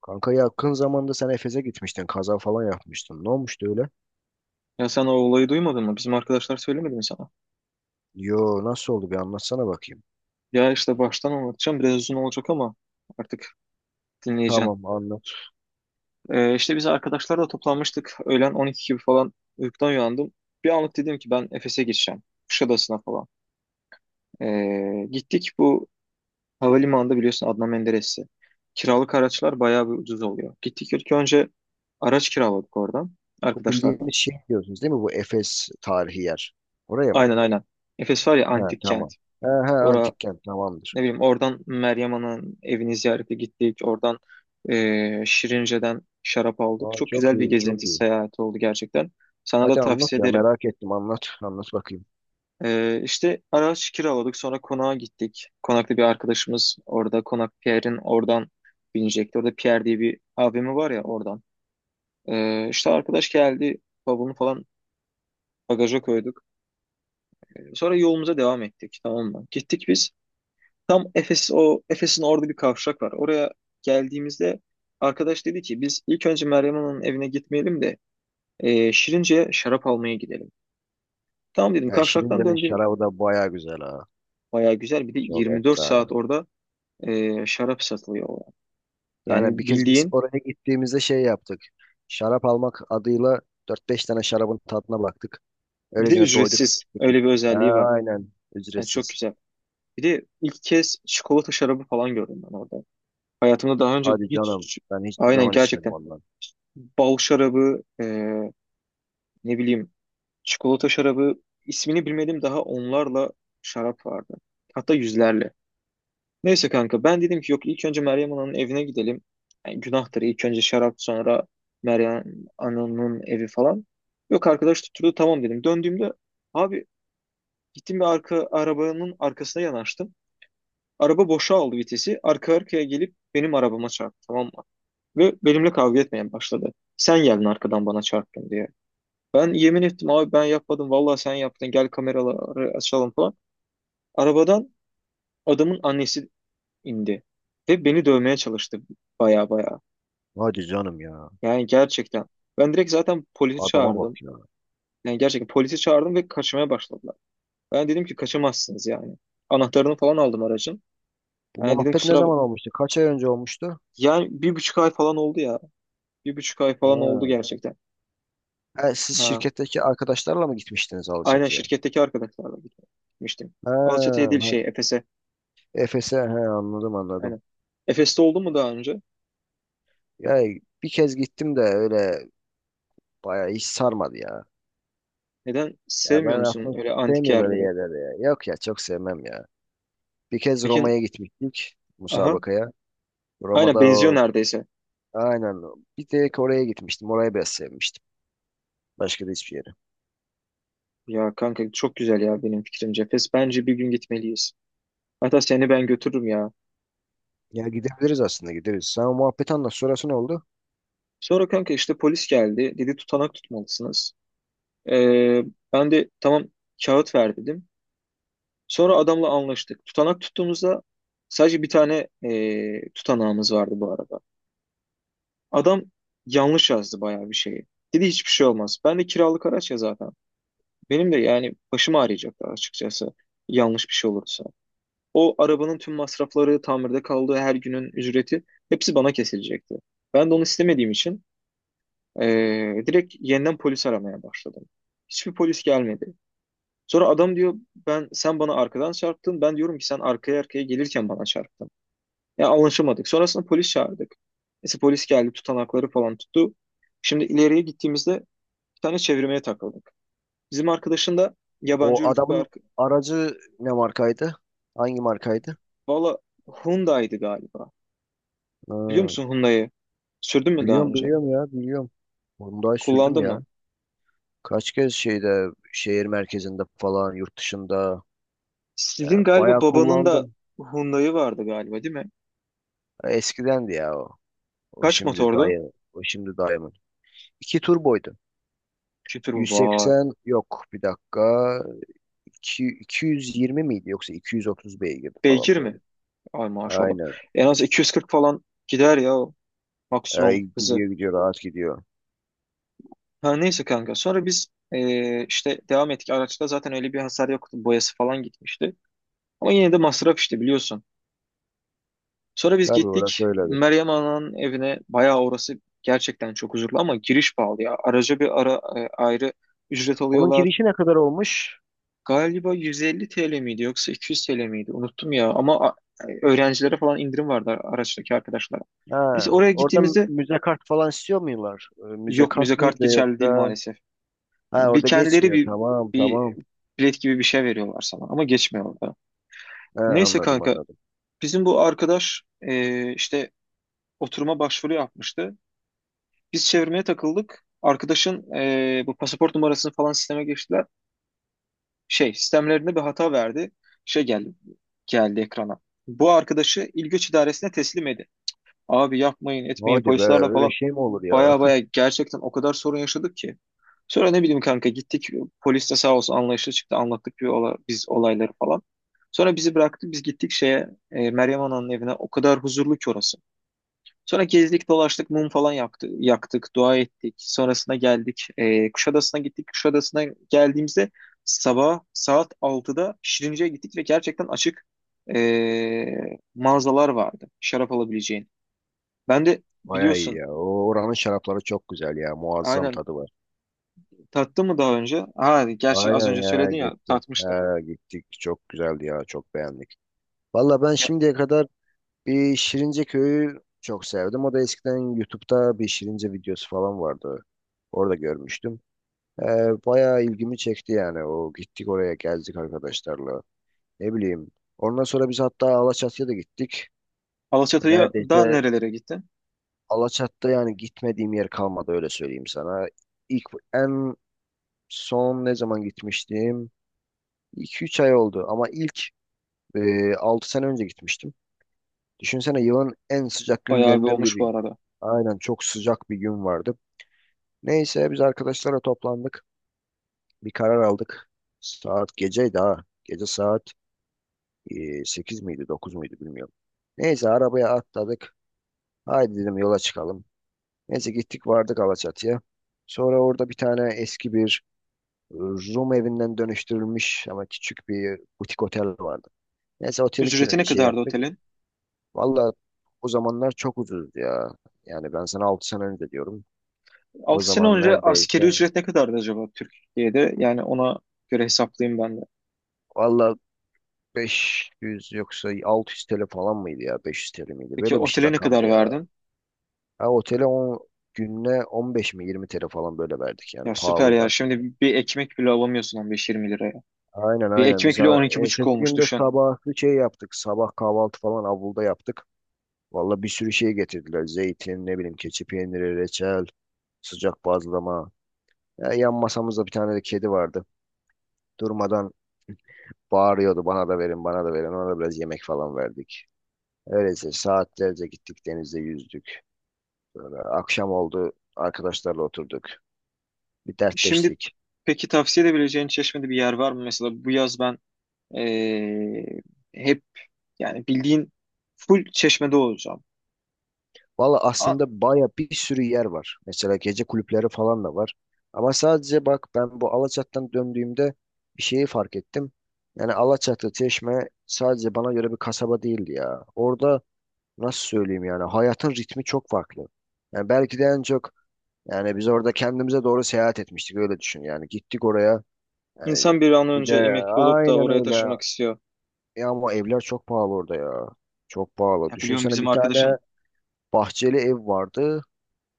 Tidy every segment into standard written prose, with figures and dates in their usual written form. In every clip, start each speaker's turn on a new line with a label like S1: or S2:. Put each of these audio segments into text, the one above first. S1: Kanka yakın zamanda sen Efes'e gitmiştin. Kaza falan yapmıştın. Ne olmuştu öyle?
S2: Ya sen o olayı duymadın mı? Bizim arkadaşlar söylemedi mi sana?
S1: Yo, nasıl oldu bir anlatsana bakayım.
S2: Ya işte baştan anlatacağım. Biraz uzun olacak ama artık dinleyeceğim.
S1: Tamam, anlat.
S2: İşte biz arkadaşlarla toplanmıştık. Öğlen 12 gibi falan uykudan uyandım. Bir anlık dedim ki ben Efes'e gideceğim. Kuşadası'na falan. Gittik bu havalimanında biliyorsun Adnan Menderes'i. Kiralık araçlar bayağı bir ucuz oluyor. Gittik ilk önce araç kiraladık oradan.
S1: Bu
S2: Arkadaşlarla.
S1: bildiğimiz şey diyorsunuz değil mi? Bu Efes tarihi yer. Oraya mı?
S2: Aynen. Efes var ya
S1: He,
S2: antik kent.
S1: tamam. He, he,
S2: Ora
S1: antik kent tamamdır.
S2: Ne bileyim oradan Meryem Ana'nın evini ziyarete gittik. Oradan Şirince'den şarap aldık.
S1: Aa,
S2: Çok
S1: çok
S2: güzel bir
S1: iyi çok
S2: gezinti
S1: iyi.
S2: seyahat oldu gerçekten. Sana da
S1: Hadi anlat
S2: tavsiye
S1: ya,
S2: ederim.
S1: merak ettim, anlat. Anlat bakayım.
S2: E, işte araç kiraladık. Sonra konağa gittik. Konakta bir arkadaşımız orada. Konak Pierre'in oradan binecekti. Orada Pierre diye bir abimi var ya oradan. E, işte arkadaş geldi. Bavulunu falan bagaja koyduk. Sonra yolumuza devam ettik, tamam mı? Gittik biz. Tam Efes, o Efes'in orada bir kavşak var. Oraya geldiğimizde arkadaş dedi ki biz ilk önce Meryem Ana'nın evine gitmeyelim de Şirince'ye şarap almaya gidelim. Tamam dedim
S1: Ya
S2: kavşaktan
S1: Şirince'nin
S2: döndüğüm
S1: şarabı da baya güzel ha.
S2: baya güzel, bir de
S1: Çok
S2: 24
S1: efsane.
S2: saat orada şarap satılıyor orada.
S1: Aynen, bir
S2: Yani
S1: kez biz
S2: bildiğin,
S1: oraya gittiğimizde şey yaptık. Şarap almak adıyla dört beş tane şarabın tadına baktık.
S2: bir de
S1: Öylecene doyduk
S2: ücretsiz
S1: çıktık.
S2: öyle bir
S1: Ha,
S2: özelliği var.
S1: aynen.
S2: Yani çok
S1: Ücretsiz.
S2: güzel. Bir de ilk kez çikolata şarabı falan gördüm ben orada. Hayatımda daha önce
S1: Hadi canım.
S2: hiç,
S1: Ben hiçbir
S2: aynen
S1: zaman içmedim
S2: gerçekten
S1: ondan.
S2: bal şarabı, ne bileyim, çikolata şarabı, ismini bilmediğim daha onlarla şarap vardı. Hatta yüzlerle. Neyse kanka ben dedim ki yok, ilk önce Meryem Ana'nın evine gidelim. Yani günahtır ilk önce şarap sonra Meryem Ana'nın evi falan. Yok, arkadaş tutturdu, tamam dedim. Döndüğümde abi gittim bir arka arabanın arkasına yanaştım. Araba boşa aldı vitesi. Arka arkaya gelip benim arabama çarptı, tamam mı? Ve benimle kavga etmeye başladı. Sen geldin arkadan bana çarptın diye. Ben yemin ettim abi, ben yapmadım. Vallahi sen yaptın. Gel kameraları açalım falan. Arabadan adamın annesi indi. Ve beni dövmeye çalıştı baya baya.
S1: Hadi canım ya.
S2: Yani gerçekten. Ben direkt zaten polisi
S1: Adama
S2: çağırdım.
S1: bak ya.
S2: Yani gerçekten polisi çağırdım ve kaçmaya başladılar. Ben dedim ki kaçamazsınız yani. Anahtarını falan aldım aracın.
S1: Bu
S2: Yani dedim
S1: muhabbet ne
S2: kusura...
S1: zaman olmuştu? Kaç ay önce olmuştu?
S2: Yani 1,5 ay falan oldu ya. Bir buçuk ay falan oldu
S1: Ha.
S2: gerçekten.
S1: Ha, siz
S2: Ha.
S1: şirketteki arkadaşlarla mı gitmiştiniz
S2: Aynen
S1: Alaçatı'ya?
S2: şirketteki arkadaşlarla gitmiştim.
S1: Ha,
S2: Alaçatı'ya değil
S1: ha.
S2: şey, Efes'e.
S1: Efes'e he, anladım anladım.
S2: Aynen. Efes'te oldu mu daha önce?
S1: Ya bir kez gittim de öyle bayağı hiç sarmadı ya.
S2: Neden
S1: Ya
S2: sevmiyor
S1: ben
S2: musun
S1: aslında
S2: öyle antik
S1: sevmiyorum böyle
S2: yerleri?
S1: yerleri ya. Yok ya, çok sevmem ya. Bir kez
S2: Peki,
S1: Roma'ya gitmiştik
S2: aha,
S1: musabakaya.
S2: aynen
S1: Roma'da
S2: benziyor
S1: o.
S2: neredeyse.
S1: Aynen. Bir tek oraya gitmiştim. Orayı biraz sevmiştim. Başka da hiçbir yere.
S2: Ya kanka çok güzel ya, benim fikrimce. Fes bence bir gün gitmeliyiz. Hatta seni ben götürürüm ya.
S1: Ya gidebiliriz, aslında gideriz. Sen o muhabbeti anlat. Sonrası ne oldu?
S2: Sonra kanka işte polis geldi. Dedi tutanak tutmalısınız. Ee, ben de tamam, kağıt ver dedim. Sonra adamla anlaştık. Tutanak tuttuğumuzda sadece bir tane tutanağımız vardı bu arada. Adam yanlış yazdı bayağı bir şeyi. Dedi hiçbir şey olmaz. Ben de kiralık araç ya zaten. Benim de yani başım ağrıyacak açıkçası yanlış bir şey olursa. O arabanın tüm masrafları, tamirde kaldığı her günün ücreti, hepsi bana kesilecekti. Ben de onu istemediğim için direkt yeniden polis aramaya başladım. Hiçbir polis gelmedi. Sonra adam diyor ben, sen bana arkadan çarptın. Ben diyorum ki sen arkaya arkaya gelirken bana çarptın. Ya anlaşamadık. Sonrasında polis çağırdık. Neyse polis geldi, tutanakları falan tuttu. Şimdi ileriye gittiğimizde bir tane çevirmeye takıldık. Bizim arkadaşın da yabancı
S1: O
S2: uyruklu bir
S1: adamın
S2: arkadaş.
S1: aracı ne markaydı? Hangi markaydı?
S2: Valla Hyundai'di galiba. Biliyor
S1: Ha,
S2: musun Hyundai'yi? Sürdün mü daha
S1: biliyorum
S2: önce?
S1: biliyorum ya, biliyorum. Onu Hyundai sürdüm
S2: Kullandın
S1: ya.
S2: mı?
S1: Kaç kez şeyde şehir merkezinde falan yurt dışında yani
S2: Sizin galiba
S1: bayağı
S2: babanın da
S1: kullandım.
S2: Hyundai'yi vardı galiba, değil mi?
S1: Ya eskidendi ya o. O
S2: Kaç
S1: şimdi
S2: motordu?
S1: dayı. O şimdi dayımın. İki turboydu.
S2: Kütür var.
S1: 180, yok bir dakika. 220 miydi yoksa 230 beygirdi
S2: Beygir
S1: falan böyle.
S2: mi? Ay maşallah.
S1: Aynen.
S2: En az 240 falan gider ya o,
S1: Ay
S2: maksimum hızı.
S1: gidiyor gidiyor rahat gidiyor.
S2: Ha neyse kanka. Sonra biz işte devam ettik. Araçta zaten öyle bir hasar yoktu. Boyası falan gitmişti. Ama yine de masraf işte biliyorsun. Sonra biz
S1: Tabii orası
S2: gittik
S1: öyledir.
S2: Meryem Ana'nın evine. Bayağı orası gerçekten çok huzurlu ama giriş pahalı ya. Araca bir ara, ayrı ücret
S1: Onun
S2: alıyorlar.
S1: girişi ne kadar olmuş?
S2: Galiba 150 TL miydi yoksa 200 TL miydi? Unuttum ya ama öğrencilere falan indirim vardı araçtaki arkadaşlara.
S1: Ha,
S2: Neyse oraya
S1: orada
S2: gittiğimizde
S1: müze kart falan istiyor muylar? Müze
S2: yok, müze
S1: kart
S2: kart
S1: mıydı
S2: geçerli değil
S1: yoksa?
S2: maalesef.
S1: Ha,
S2: Bir
S1: orada
S2: kendileri
S1: geçmiyor.
S2: bir,
S1: Tamam
S2: bir
S1: tamam.
S2: bilet gibi bir şey veriyorlar sana ama geçmiyor da.
S1: Ha,
S2: Neyse
S1: anladım
S2: kanka
S1: anladım.
S2: bizim bu arkadaş işte oturuma başvuru yapmıştı. Biz çevirmeye takıldık. Arkadaşın bu pasaport numarasını falan sisteme geçtiler. Şey, sistemlerinde bir hata verdi. Şey geldi, geldi ekrana. Bu arkadaşı İl Göç İdaresi'ne teslim edin. Abi yapmayın, etmeyin
S1: Hadi be,
S2: polislerle
S1: öyle
S2: falan.
S1: şey mi olur ya?
S2: Baya baya gerçekten o kadar sorun yaşadık ki. Sonra ne bileyim kanka gittik. Polis de sağ olsun anlayışlı çıktı. Anlattık bir biz olayları falan. Sonra bizi bıraktı. Biz gittik şeye, Meryem Ana'nın evine. O kadar huzurlu ki orası. Sonra gezdik, dolaştık, mum falan yaktı, yaktık, dua ettik. Sonrasında geldik. E, Kuşadası'na gittik. Kuşadası'na geldiğimizde sabah saat 6'da Şirince'ye gittik ve gerçekten açık mağazalar vardı şarap alabileceğin. Ben de
S1: Bayağı iyi
S2: biliyorsun
S1: ya. O oranın şarapları çok güzel ya. Muazzam
S2: aynen,
S1: tadı var.
S2: tattım mı daha önce? Ha, gerçi az
S1: Aynen
S2: önce
S1: ya,
S2: söyledin ya,
S1: gittik.
S2: tatmıştım.
S1: Ha, gittik. Çok güzeldi ya. Çok beğendik. Valla ben
S2: Ya,
S1: şimdiye kadar bir Şirince Köyü çok sevdim. O da eskiden YouTube'da bir Şirince videosu falan vardı. Orada görmüştüm. Ee, bayağı ilgimi çekti yani. O gittik oraya geldik arkadaşlarla. Ne bileyim. Ondan sonra biz hatta Alaçatı'ya da gittik.
S2: Alaçatı'ya
S1: Neredeyse
S2: da nerelere gittin?
S1: Alaçatı'da yani gitmediğim yer kalmadı, öyle söyleyeyim sana. İlk en son ne zaman gitmiştim? 2 üç ay oldu ama ilk 6 sene önce gitmiştim. Düşünsene yılın en sıcak
S2: Bayağı bir
S1: günlerinden
S2: olmuş bu
S1: biri.
S2: arada.
S1: Aynen çok sıcak bir gün vardı. Neyse biz arkadaşlara toplandık. Bir karar aldık. Saat geceydi ha. Gece saat 8 miydi 9 muydu bilmiyorum. Neyse arabaya atladık. Haydi dedim yola çıkalım. Neyse gittik vardık Alaçatı'ya. Sonra orada bir tane eski bir Rum evinden dönüştürülmüş ama küçük bir butik otel vardı. Neyse oteli
S2: Ücreti ne
S1: şey
S2: kadardı
S1: yaptık.
S2: otelin?
S1: Valla o zamanlar çok ucuzdu ya. Yani ben sana 6 sene önce diyorum. O
S2: 6 sene
S1: zaman
S2: önce
S1: neredeyse.
S2: askeri ücret ne kadardı acaba Türkiye'de? Yani ona göre hesaplayayım ben de.
S1: Valla 500 yoksa 600 TL falan mıydı ya? 500 TL miydi?
S2: Peki
S1: Böyle bir şey
S2: otele ne
S1: rakamdı
S2: kadar
S1: ya.
S2: verdin?
S1: Ha, otele 10 gününe 15 mi 20 TL falan böyle verdik yani.
S2: Ya süper
S1: Pahalıydı
S2: ya. Şimdi
S1: aslında.
S2: bir ekmek bile alamıyorsun 15-20 liraya.
S1: Aynen
S2: Bir
S1: aynen. Biz
S2: ekmek bile on iki buçuk
S1: ertesi
S2: olmuş,
S1: günde
S2: düşün.
S1: sabahı şey yaptık. Sabah kahvaltı falan avluda yaptık. Valla bir sürü şey getirdiler. Zeytin, ne bileyim keçi peyniri, reçel, sıcak bazlama. Ya, yan masamızda bir tane de kedi vardı. Durmadan bağırıyordu, bana da verin bana da verin. Ona da biraz yemek falan verdik. Öyleyse saatlerce gittik, denizde yüzdük. Akşam oldu. Arkadaşlarla oturduk. Bir
S2: Şimdi
S1: dertleştik.
S2: peki tavsiye edebileceğin Çeşme'de bir yer var mı? Mesela bu yaz ben, eee, hep yani bildiğin full Çeşme'de olacağım.
S1: Valla
S2: A-
S1: aslında baya bir sürü yer var. Mesela gece kulüpleri falan da var. Ama sadece bak, ben bu Alaçatı'dan döndüğümde bir şeyi fark ettim. Yani Alaçatı, Çeşme sadece bana göre bir kasaba değildi ya. Orada nasıl söyleyeyim, yani hayatın ritmi çok farklı. Yani belki de en çok yani biz orada kendimize doğru seyahat etmiştik, öyle düşün yani. Gittik oraya yani,
S2: İnsan bir an
S1: bir de
S2: önce emekli olup da
S1: aynen
S2: oraya
S1: öyle.
S2: taşımak istiyor.
S1: Ya ama evler çok pahalı orada ya. Çok pahalı.
S2: Ya biliyorum
S1: Düşünsene,
S2: bizim
S1: bir
S2: arkadaşın
S1: tane bahçeli ev vardı.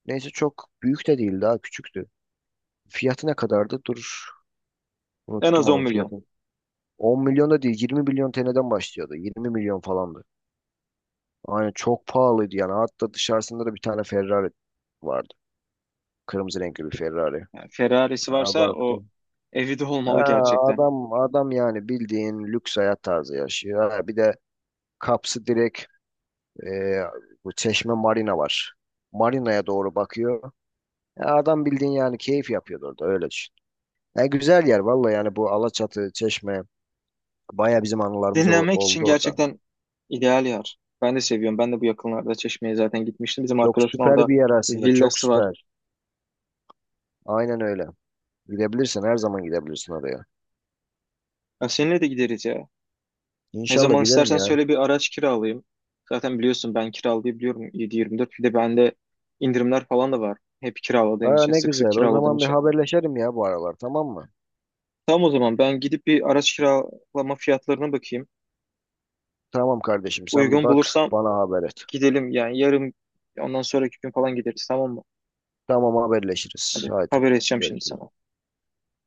S1: Neyse çok büyük de değildi, daha küçüktü. Fiyatı ne kadardı? Dur,
S2: en az
S1: unuttum
S2: 10
S1: onun
S2: milyon.
S1: fiyatını. 10 milyon da değil, 20 milyon TL'den başlıyordu. 20 milyon falandı. Aynen çok pahalıydı yani. Hatta dışarısında da bir tane Ferrari vardı. Kırmızı renkli bir Ferrari.
S2: Yani Ferrari'si
S1: Aa,
S2: varsa o
S1: baktım.
S2: evi de
S1: Ha,
S2: olmalı gerçekten.
S1: adam adam yani bildiğin lüks hayat tarzı yaşıyor. Ha, bir de kapsı direkt. Ee, bu Çeşme Marina var. Marina'ya doğru bakıyor. Ya adam bildiğin yani keyif yapıyordu orada, öyle düşün. Ya güzel yer vallahi, yani bu Alaçatı, Çeşme baya bizim anılarımız
S2: Dinlenmek için
S1: oldu orada.
S2: gerçekten ideal yer. Ben de seviyorum. Ben de bu yakınlarda Çeşme'ye zaten gitmiştim. Bizim
S1: Çok
S2: arkadaşın
S1: süper
S2: orada
S1: bir yer
S2: bir
S1: aslında, çok
S2: villası var.
S1: süper. Aynen öyle. Gidebilirsin, her zaman gidebilirsin oraya.
S2: Ya seninle de gideriz ya. Ne
S1: İnşallah
S2: zaman
S1: giderim
S2: istersen
S1: ya.
S2: söyle, bir araç kiralayayım. Zaten biliyorsun ben kiralayabiliyorum 7-24. Bir de bende indirimler falan da var. Hep kiraladığım
S1: Aa,
S2: için,
S1: ne
S2: sık sık
S1: güzel, o
S2: kiraladığım
S1: zaman bir
S2: için.
S1: haberleşelim ya bu aralar tamam mı?
S2: Tamam o zaman ben gidip bir araç kiralama fiyatlarına bakayım.
S1: Tamam kardeşim, sen bir
S2: Uygun
S1: bak,
S2: bulursam
S1: bana haber et.
S2: gidelim yani yarın ondan sonraki gün falan gideriz, tamam mı?
S1: Tamam, haberleşiriz.
S2: Hadi
S1: Haydi
S2: haber edeceğim şimdi
S1: görüşürüz.
S2: sana.